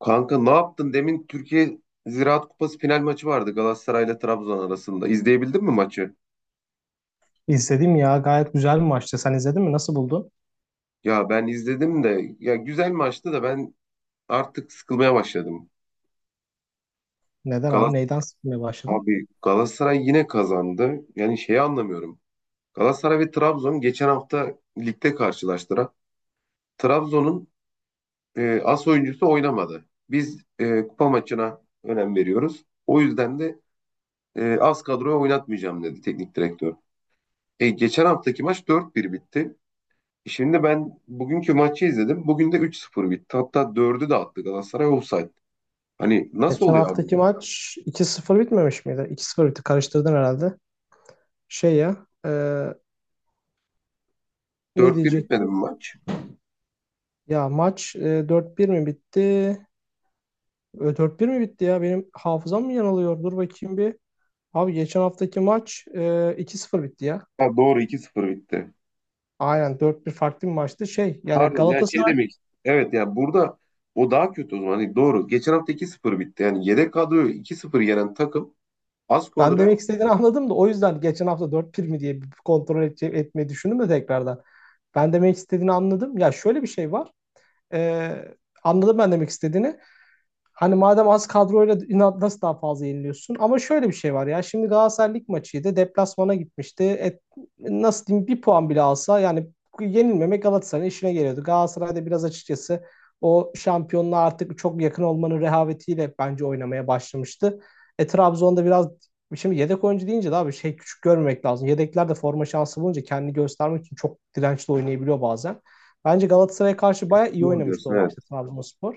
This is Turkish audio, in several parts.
Kanka ne yaptın? Demin Türkiye Ziraat Kupası final maçı vardı Galatasaray ile Trabzon arasında. İzleyebildin mi maçı? İzledim ya, gayet güzel bir maçtı. Sen izledin mi? Nasıl buldun? Ya ben izledim de ya güzel maçtı da ben artık sıkılmaya başladım. Neden abi? Galas Neyden sıkılmaya başladın? Abi Galatasaray yine kazandı. Yani şeyi anlamıyorum. Galatasaray ve Trabzon geçen hafta ligde karşılaştılar. Trabzon'un as oyuncusu oynamadı. Biz kupa maçına önem veriyoruz. O yüzden de az kadroya oynatmayacağım dedi teknik direktör. Geçen haftaki maç 4-1 bitti. Şimdi ben bugünkü maçı izledim. Bugün de 3-0 bitti. Hatta dördü de attı Galatasaray offside. Hani nasıl Geçen oluyor abi haftaki bu? maç 2-0 bitmemiş miydi? 2 sıfır bitti. Karıştırdın herhalde. Şey ya, ne 4-1 bitmedi mi diyecektim? maç? Ya maç 4-1 mi bitti? E, 4-1 mi bitti ya? Benim hafızam mı yanılıyor? Dur bakayım bir. Abi geçen haftaki maç 2-0 bitti ya. Ha, doğru 2-0 bitti. Aynen, dört bir farklı bir maçtı. Şey yani Pardon yani şey Galatasaray. demek istedim. Evet yani burada o daha kötü o zaman. Hani doğru. Geçen hafta 2-0 bitti. Yani yedek kadroyu 2 sıfır yenen takım az Ben kadro demek istediğini anladım da, o yüzden geçen hafta 4 pir mi diye bir kontrol etmeyi düşündüm de tekrardan. Ben demek istediğini anladım. Ya, şöyle bir şey var. Ee, Anladım ben demek istediğini. Hani madem az kadroyla inat nasıl daha fazla yeniliyorsun? Ama şöyle bir şey var ya. Şimdi Galatasaray lig maçıydı. Deplasmana gitmişti. Nasıl diyeyim, bir puan bile alsa yani yenilmemek Galatasaray'ın işine geliyordu. Galatasaray'da biraz açıkçası o şampiyonluğa artık çok yakın olmanın rehavetiyle bence oynamaya başlamıştı. E, Trabzon'da biraz, şimdi yedek oyuncu deyince de abi şey, küçük görmemek lazım. Yedekler de forma şansı bulunca kendini göstermek için çok dirençli oynayabiliyor bazen. Bence Galatasaray'a karşı bayağı iyi doğru oynamıştı diyorsun o maçta evet. Trabzonspor.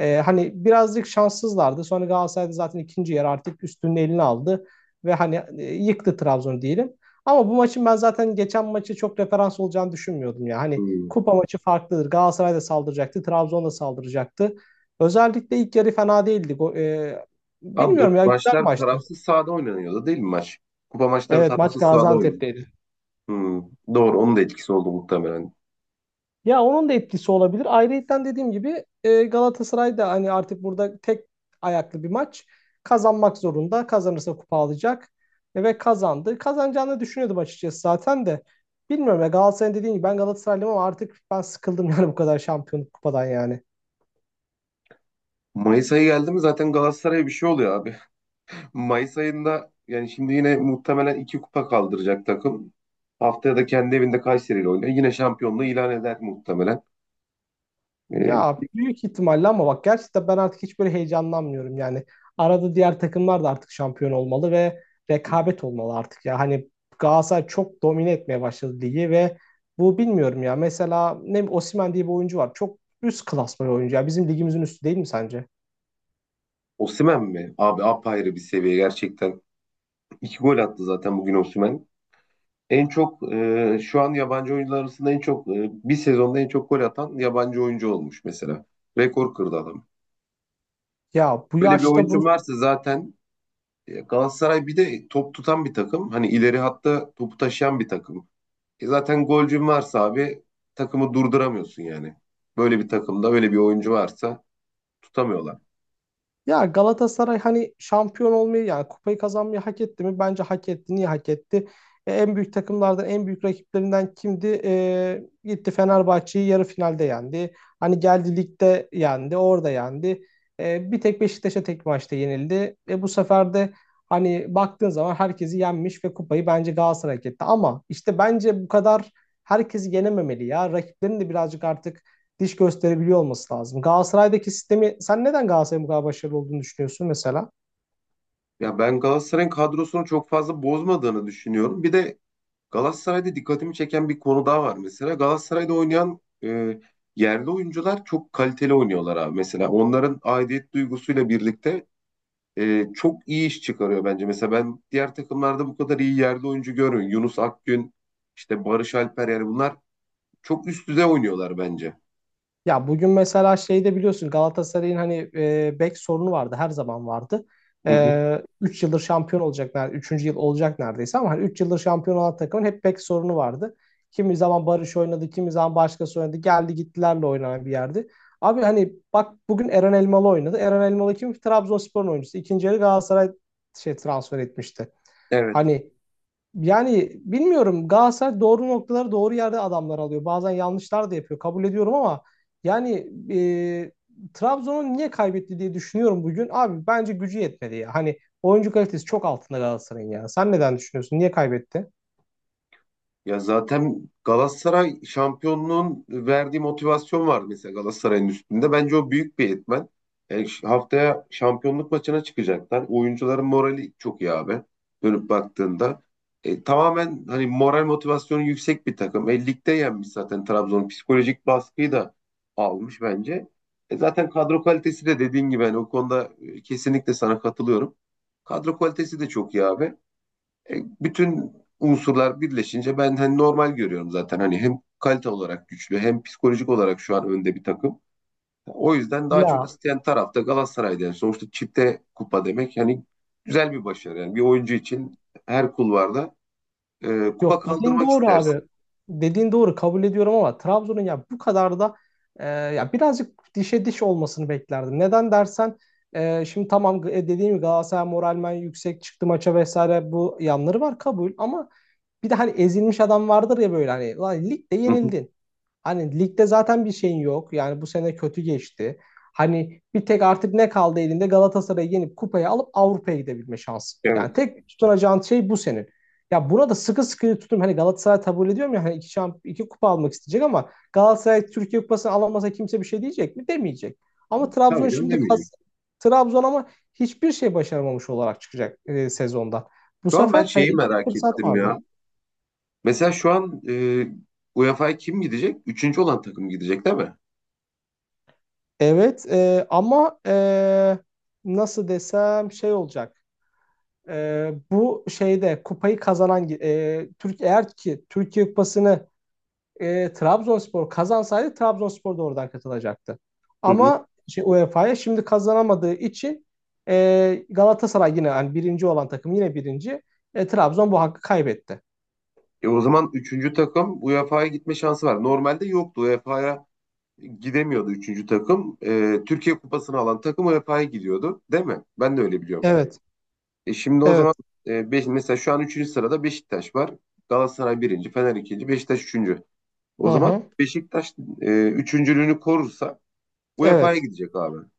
Hani birazcık şanssızlardı. Sonra Galatasaray'da zaten ikinci yer artık üstünün elini aldı ve hani yıktı Trabzon'u diyelim. Ama bu maçın, ben zaten geçen maçı çok referans olacağını düşünmüyordum ya. Hani Hmm. kupa maçı farklıdır. Galatasaray da saldıracaktı, Trabzon da saldıracaktı. Özellikle ilk yarı fena değildi. Ha, doğru. Bilmiyorum ya, güzel Maçlar maçtı. tarafsız sahada oynanıyordu değil mi maç? Kupa maçları Evet, maç tarafsız sahada oynanıyor. Gaziantep'teydi. Hmm. Doğru onun da etkisi oldu muhtemelen. Ya onun da etkisi olabilir. Ayrıyeten, dediğim gibi Galatasaray da hani artık burada tek ayaklı bir maç. Kazanmak zorunda. Kazanırsa kupa alacak. Ve kazandı. Kazanacağını düşünüyordum açıkçası zaten de. Bilmiyorum ya, Galatasaray'ın, dediğim gibi, ben Galatasaraylıyım ama artık ben sıkıldım yani, bu kadar şampiyonluk kupadan yani. Mayıs ayı geldi mi zaten Galatasaray'a bir şey oluyor abi. Mayıs ayında yani şimdi yine muhtemelen iki kupa kaldıracak takım. Haftaya da kendi evinde Kayseri ile oynuyor. Yine şampiyonluğu ilan eder muhtemelen. Ee, Ya, büyük ihtimalle, ama bak gerçekten ben artık hiç böyle heyecanlanmıyorum yani. Arada diğer takımlar da artık şampiyon olmalı ve rekabet olmalı artık ya. Hani Galatasaray çok domine etmeye başladı ligi ve bu, bilmiyorum ya. Mesela ne bileyim, Osimhen diye bir oyuncu var. Çok üst klasman bir oyuncu ya. Bizim ligimizin üstü değil mi sence? Osimhen mi? Abi apayrı bir seviye gerçekten. İki gol attı zaten bugün Osimhen. En çok şu an yabancı oyuncular arasında en çok bir sezonda en çok gol atan yabancı oyuncu olmuş mesela. Rekor kırdı adam. Ya bu Böyle bir yaşta bu oyuncu varsa zaten Galatasaray bir de top tutan bir takım. Hani ileri hatta topu taşıyan bir takım. Zaten golcün varsa abi takımı durduramıyorsun yani. Böyle bir takımda böyle bir oyuncu varsa tutamıyorlar. Ya Galatasaray hani şampiyon olmayı yani kupayı kazanmayı hak etti mi? Bence hak etti. Niye hak etti? E, en büyük takımlardan, en büyük rakiplerinden kimdi? E, gitti Fenerbahçe'yi yarı finalde yendi. Hani geldi ligde yendi, orada yendi. E, bir tek Beşiktaş'a tek maçta yenildi. E, bu sefer de hani baktığın zaman herkesi yenmiş ve kupayı bence Galatasaray hak etti. Ama işte bence bu kadar herkesi yenememeli ya. Rakiplerin de birazcık artık diş gösterebiliyor olması lazım. Galatasaray'daki sistemi, sen neden Galatasaray'ın bu kadar başarılı olduğunu düşünüyorsun mesela? Ya ben Galatasaray'ın kadrosunu çok fazla bozmadığını düşünüyorum. Bir de Galatasaray'da dikkatimi çeken bir konu daha var mesela. Galatasaray'da oynayan yerli oyuncular çok kaliteli oynuyorlar abi. Mesela onların aidiyet duygusuyla birlikte çok iyi iş çıkarıyor bence. Mesela ben diğer takımlarda bu kadar iyi yerli oyuncu görmüyorum. Yunus Akgün, işte Barış Alper yani bunlar çok üst düzey oynuyorlar bence. Ya bugün mesela şeyde, biliyorsun Galatasaray'ın hani bek sorunu vardı, her zaman vardı. Hı hı. 3 yıldır şampiyon olacak neredeyse, 3. yıl olacak neredeyse, ama hani 3 yıldır şampiyon olan takımın hep bek sorunu vardı. Kimi zaman Barış oynadı, kimi zaman başkası oynadı. Geldi gittilerle oynanan bir yerdi. Abi hani bak bugün Eren Elmalı oynadı. Eren Elmalı kim? Trabzonspor'un oyuncusu. İkinci yarı Galatasaray şey transfer etmişti. Evet. Hani. Yani bilmiyorum, Galatasaray doğru noktaları doğru yerde adamlar alıyor. Bazen yanlışlar da yapıyor, kabul ediyorum, ama yani Trabzon'un niye kaybetti diye düşünüyorum bugün. Abi bence gücü yetmedi ya. Hani oyuncu kalitesi çok altında Galatasaray'ın ya. Sen neden düşünüyorsun? Niye kaybetti? Ya zaten Galatasaray şampiyonluğun verdiği motivasyon var mesela Galatasaray'ın üstünde. Bence o büyük bir etmen. Yani haftaya şampiyonluk maçına çıkacaklar. Oyuncuların morali çok iyi abi. Dönüp baktığında. Tamamen hani moral motivasyonu yüksek bir takım. Ligde yenmiş zaten Trabzon. Psikolojik baskıyı da almış bence. Zaten kadro kalitesi de dediğin gibi hani o konuda kesinlikle sana katılıyorum. Kadro kalitesi de çok iyi abi. E, bütün unsurlar birleşince ben hani normal görüyorum zaten. Hani hem kalite olarak güçlü hem psikolojik olarak şu an önde bir takım. O yüzden daha çok Ya, isteyen tarafta Galatasaray'da. Yani sonuçta çifte kupa demek yani güzel bir başarı. Yani bir oyuncu için her kulvarda kupa yok, dediğin kaldırmak doğru abi. istersin. Dediğin doğru, kabul ediyorum, ama Trabzon'un ya bu kadar da ya birazcık dişe diş olmasını beklerdim. Neden dersen, şimdi tamam, dediğim gibi Galatasaray moralmen yüksek çıktı maça vesaire, bu yanları var, kabul, ama bir de hani ezilmiş adam vardır ya, böyle hani, "Lan, ligde Hı hı. yenildin. Hani ligde zaten bir şeyin yok. Yani bu sene kötü geçti. Hani bir tek artık ne kaldı elinde, Galatasaray'ı yenip kupayı alıp Avrupa'ya gidebilme şansı. Evet. Yani tek tutunacağın şey bu senin. Ya buna da sıkı sıkı tutum Hani Galatasaray, kabul ediyorum ya hani, iki kupa almak isteyecek, ama Galatasaray Türkiye Kupası'nı alamasa kimse bir şey diyecek mi? Demeyecek. Ama Trabzon Tabii canım şimdi demeyeceğim. kas Trabzon ama hiçbir şey başaramamış olarak çıkacak sezonda. Bu Şu an ben sefer hani şeyi elinde merak fırsat ettim vardı. ya. Mesela şu an UEFA'ya kim gidecek? Üçüncü olan takım gidecek değil mi? Evet, ama nasıl desem, şey olacak. E, bu şeyde kupayı kazanan, e, Türk eğer ki Türkiye Kupası'nı Trabzonspor kazansaydı, Trabzonspor da oradan katılacaktı. Hı hı. Ama UEFA'ya şimdi kazanamadığı için Galatasaray yine, yani birinci olan takım yine birinci. E, Trabzon bu hakkı kaybetti. O zaman üçüncü takım UEFA'ya gitme şansı var. Normalde yoktu. UEFA'ya gidemiyordu üçüncü takım. Türkiye Kupası'nı alan takım UEFA'ya gidiyordu. Değil mi? Ben de öyle biliyorum. Evet, Şimdi o evet. zaman mesela şu an üçüncü sırada Beşiktaş var. Galatasaray birinci, Fener ikinci, Beşiktaş üçüncü. Hı O zaman hı. Beşiktaş üçüncülüğünü korursa UEFA'ya Evet. gidecek abi. Hı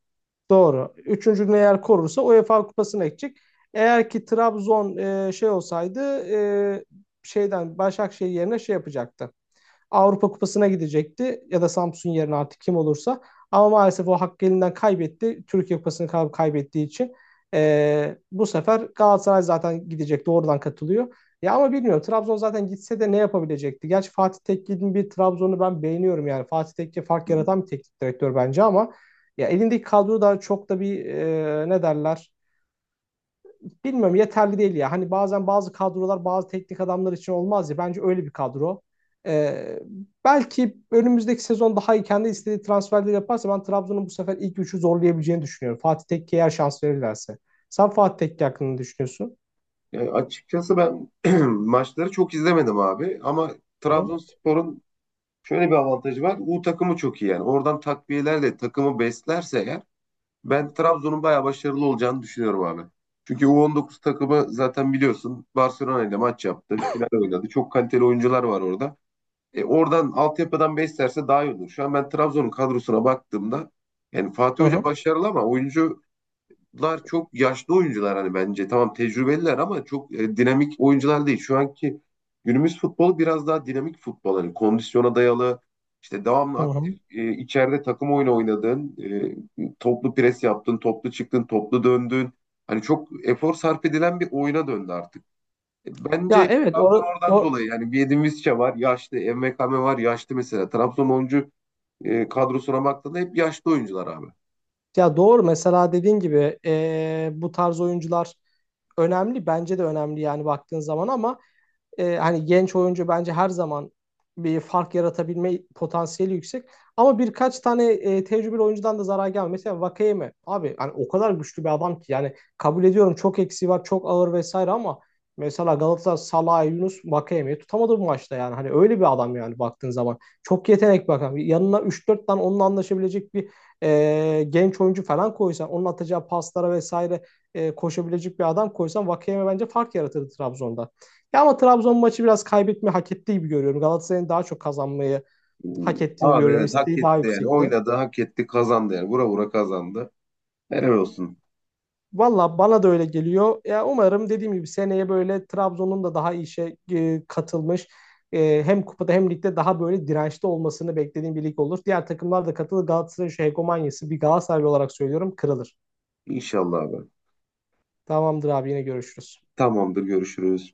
Doğru. Üçüncülüğünü eğer korursa UEFA Kupası'na gidecek. Eğer ki Trabzon şey olsaydı, şeyden Başakşehir yerine şey yapacaktı. Avrupa Kupası'na gidecekti, ya da Samsun yerine artık kim olursa. Ama maalesef o hakkı elinden kaybetti, Türkiye Kupası'nı kaybettiği için. E, bu sefer Galatasaray zaten gidecek. Doğrudan katılıyor. Ya ama bilmiyorum, Trabzon zaten gitse de ne yapabilecekti? Gerçi Fatih Tekkil'in bir Trabzon'u ben beğeniyorum yani. Fatih Tekke fark hı. yaratan bir teknik direktör bence, ama ya elindeki kadro da çok da bir, ne derler, bilmiyorum, yeterli değil ya. Hani bazen bazı kadrolar bazı teknik adamlar için olmaz ya. Bence öyle bir kadro. Ee, Belki önümüzdeki sezon daha iyi kendi istediği transferleri yaparsa, ben Trabzon'un bu sefer ilk üçü zorlayabileceğini düşünüyorum, Fatih Tekke'ye eğer şans verirlerse. Sen Fatih Tekke hakkında ne düşünüyorsun? Yani açıkçası ben maçları çok izlemedim abi ama Hı hı. Trabzonspor'un şöyle bir avantajı var. U takımı çok iyi yani. Oradan takviyelerle takımı beslerse eğer ben Trabzon'un bayağı başarılı olacağını düşünüyorum abi. Çünkü U19 takımı zaten biliyorsun Barcelona ile maç yaptı. Final oynadı. Çok kaliteli oyuncular var orada. Oradan altyapıdan beslerse daha iyi olur. Şu an ben Trabzon'un kadrosuna baktığımda yani Fatih Hı Hoca hı. başarılı ama oyuncu lar çok yaşlı oyuncular hani bence. Tamam tecrübeliler ama çok dinamik oyuncular değil. Şu anki günümüz futbolu biraz daha dinamik futbol. Hani kondisyona dayalı, işte devamlı Hı aktif hı. İçeride takım oyunu oynadın, toplu pres yaptın, toplu çıktın, toplu döndün. Hani çok efor sarf edilen bir oyuna döndü artık. E, Ya Bence evet, Trabzon oradan dolayı yani bir Edin Visca var, yaşlı, MKM var, yaşlı mesela. Trabzon oyuncu kadrosuna baktığında hep yaşlı oyuncular abi. ya doğru, mesela dediğin gibi, bu tarz oyuncular önemli. Bence de önemli yani, baktığın zaman, ama E, hani genç oyuncu bence her zaman bir fark yaratabilme potansiyeli yüksek. Ama birkaç tane tecrübeli oyuncudan da zarar gelmiyor. Mesela Vakeyeme, abi hani o kadar güçlü bir adam ki yani, kabul ediyorum çok eksiği var, çok ağır vesaire, ama mesela Galatasaray Salah, Yunus Vakeyeme'yi tutamadı bu maçta yani. Hani öyle bir adam yani, baktığın zaman. Çok yetenek bakan. Yanına üç dört tane onunla anlaşabilecek bir, genç oyuncu falan koysan, onun atacağı paslara vesaire koşabilecek bir adam koysan, Vakeyeme bence fark yaratırdı Trabzon'da. Ya ama Trabzon maçı biraz kaybetme hak ettiği gibi görüyorum. Galatasaray'ın daha çok kazanmayı hak ettiğini Abi görüyorum. evet hak İsteği daha etti yani. yüksekti. Oynadı, hak etti, kazandı yani. Vura vura kazandı. Helal olsun. Valla bana da öyle geliyor. Ya umarım, dediğim gibi, seneye böyle Trabzon'un da daha iyi işe katılmış, hem kupada hem ligde daha böyle dirençli olmasını beklediğim bir lig olur. Diğer takımlar da katılır. Galatasaray'ın şu hegemonyası, bir Galatasaraylı olarak söylüyorum, kırılır. İnşallah abi. Tamamdır abi, yine görüşürüz. Tamamdır, görüşürüz.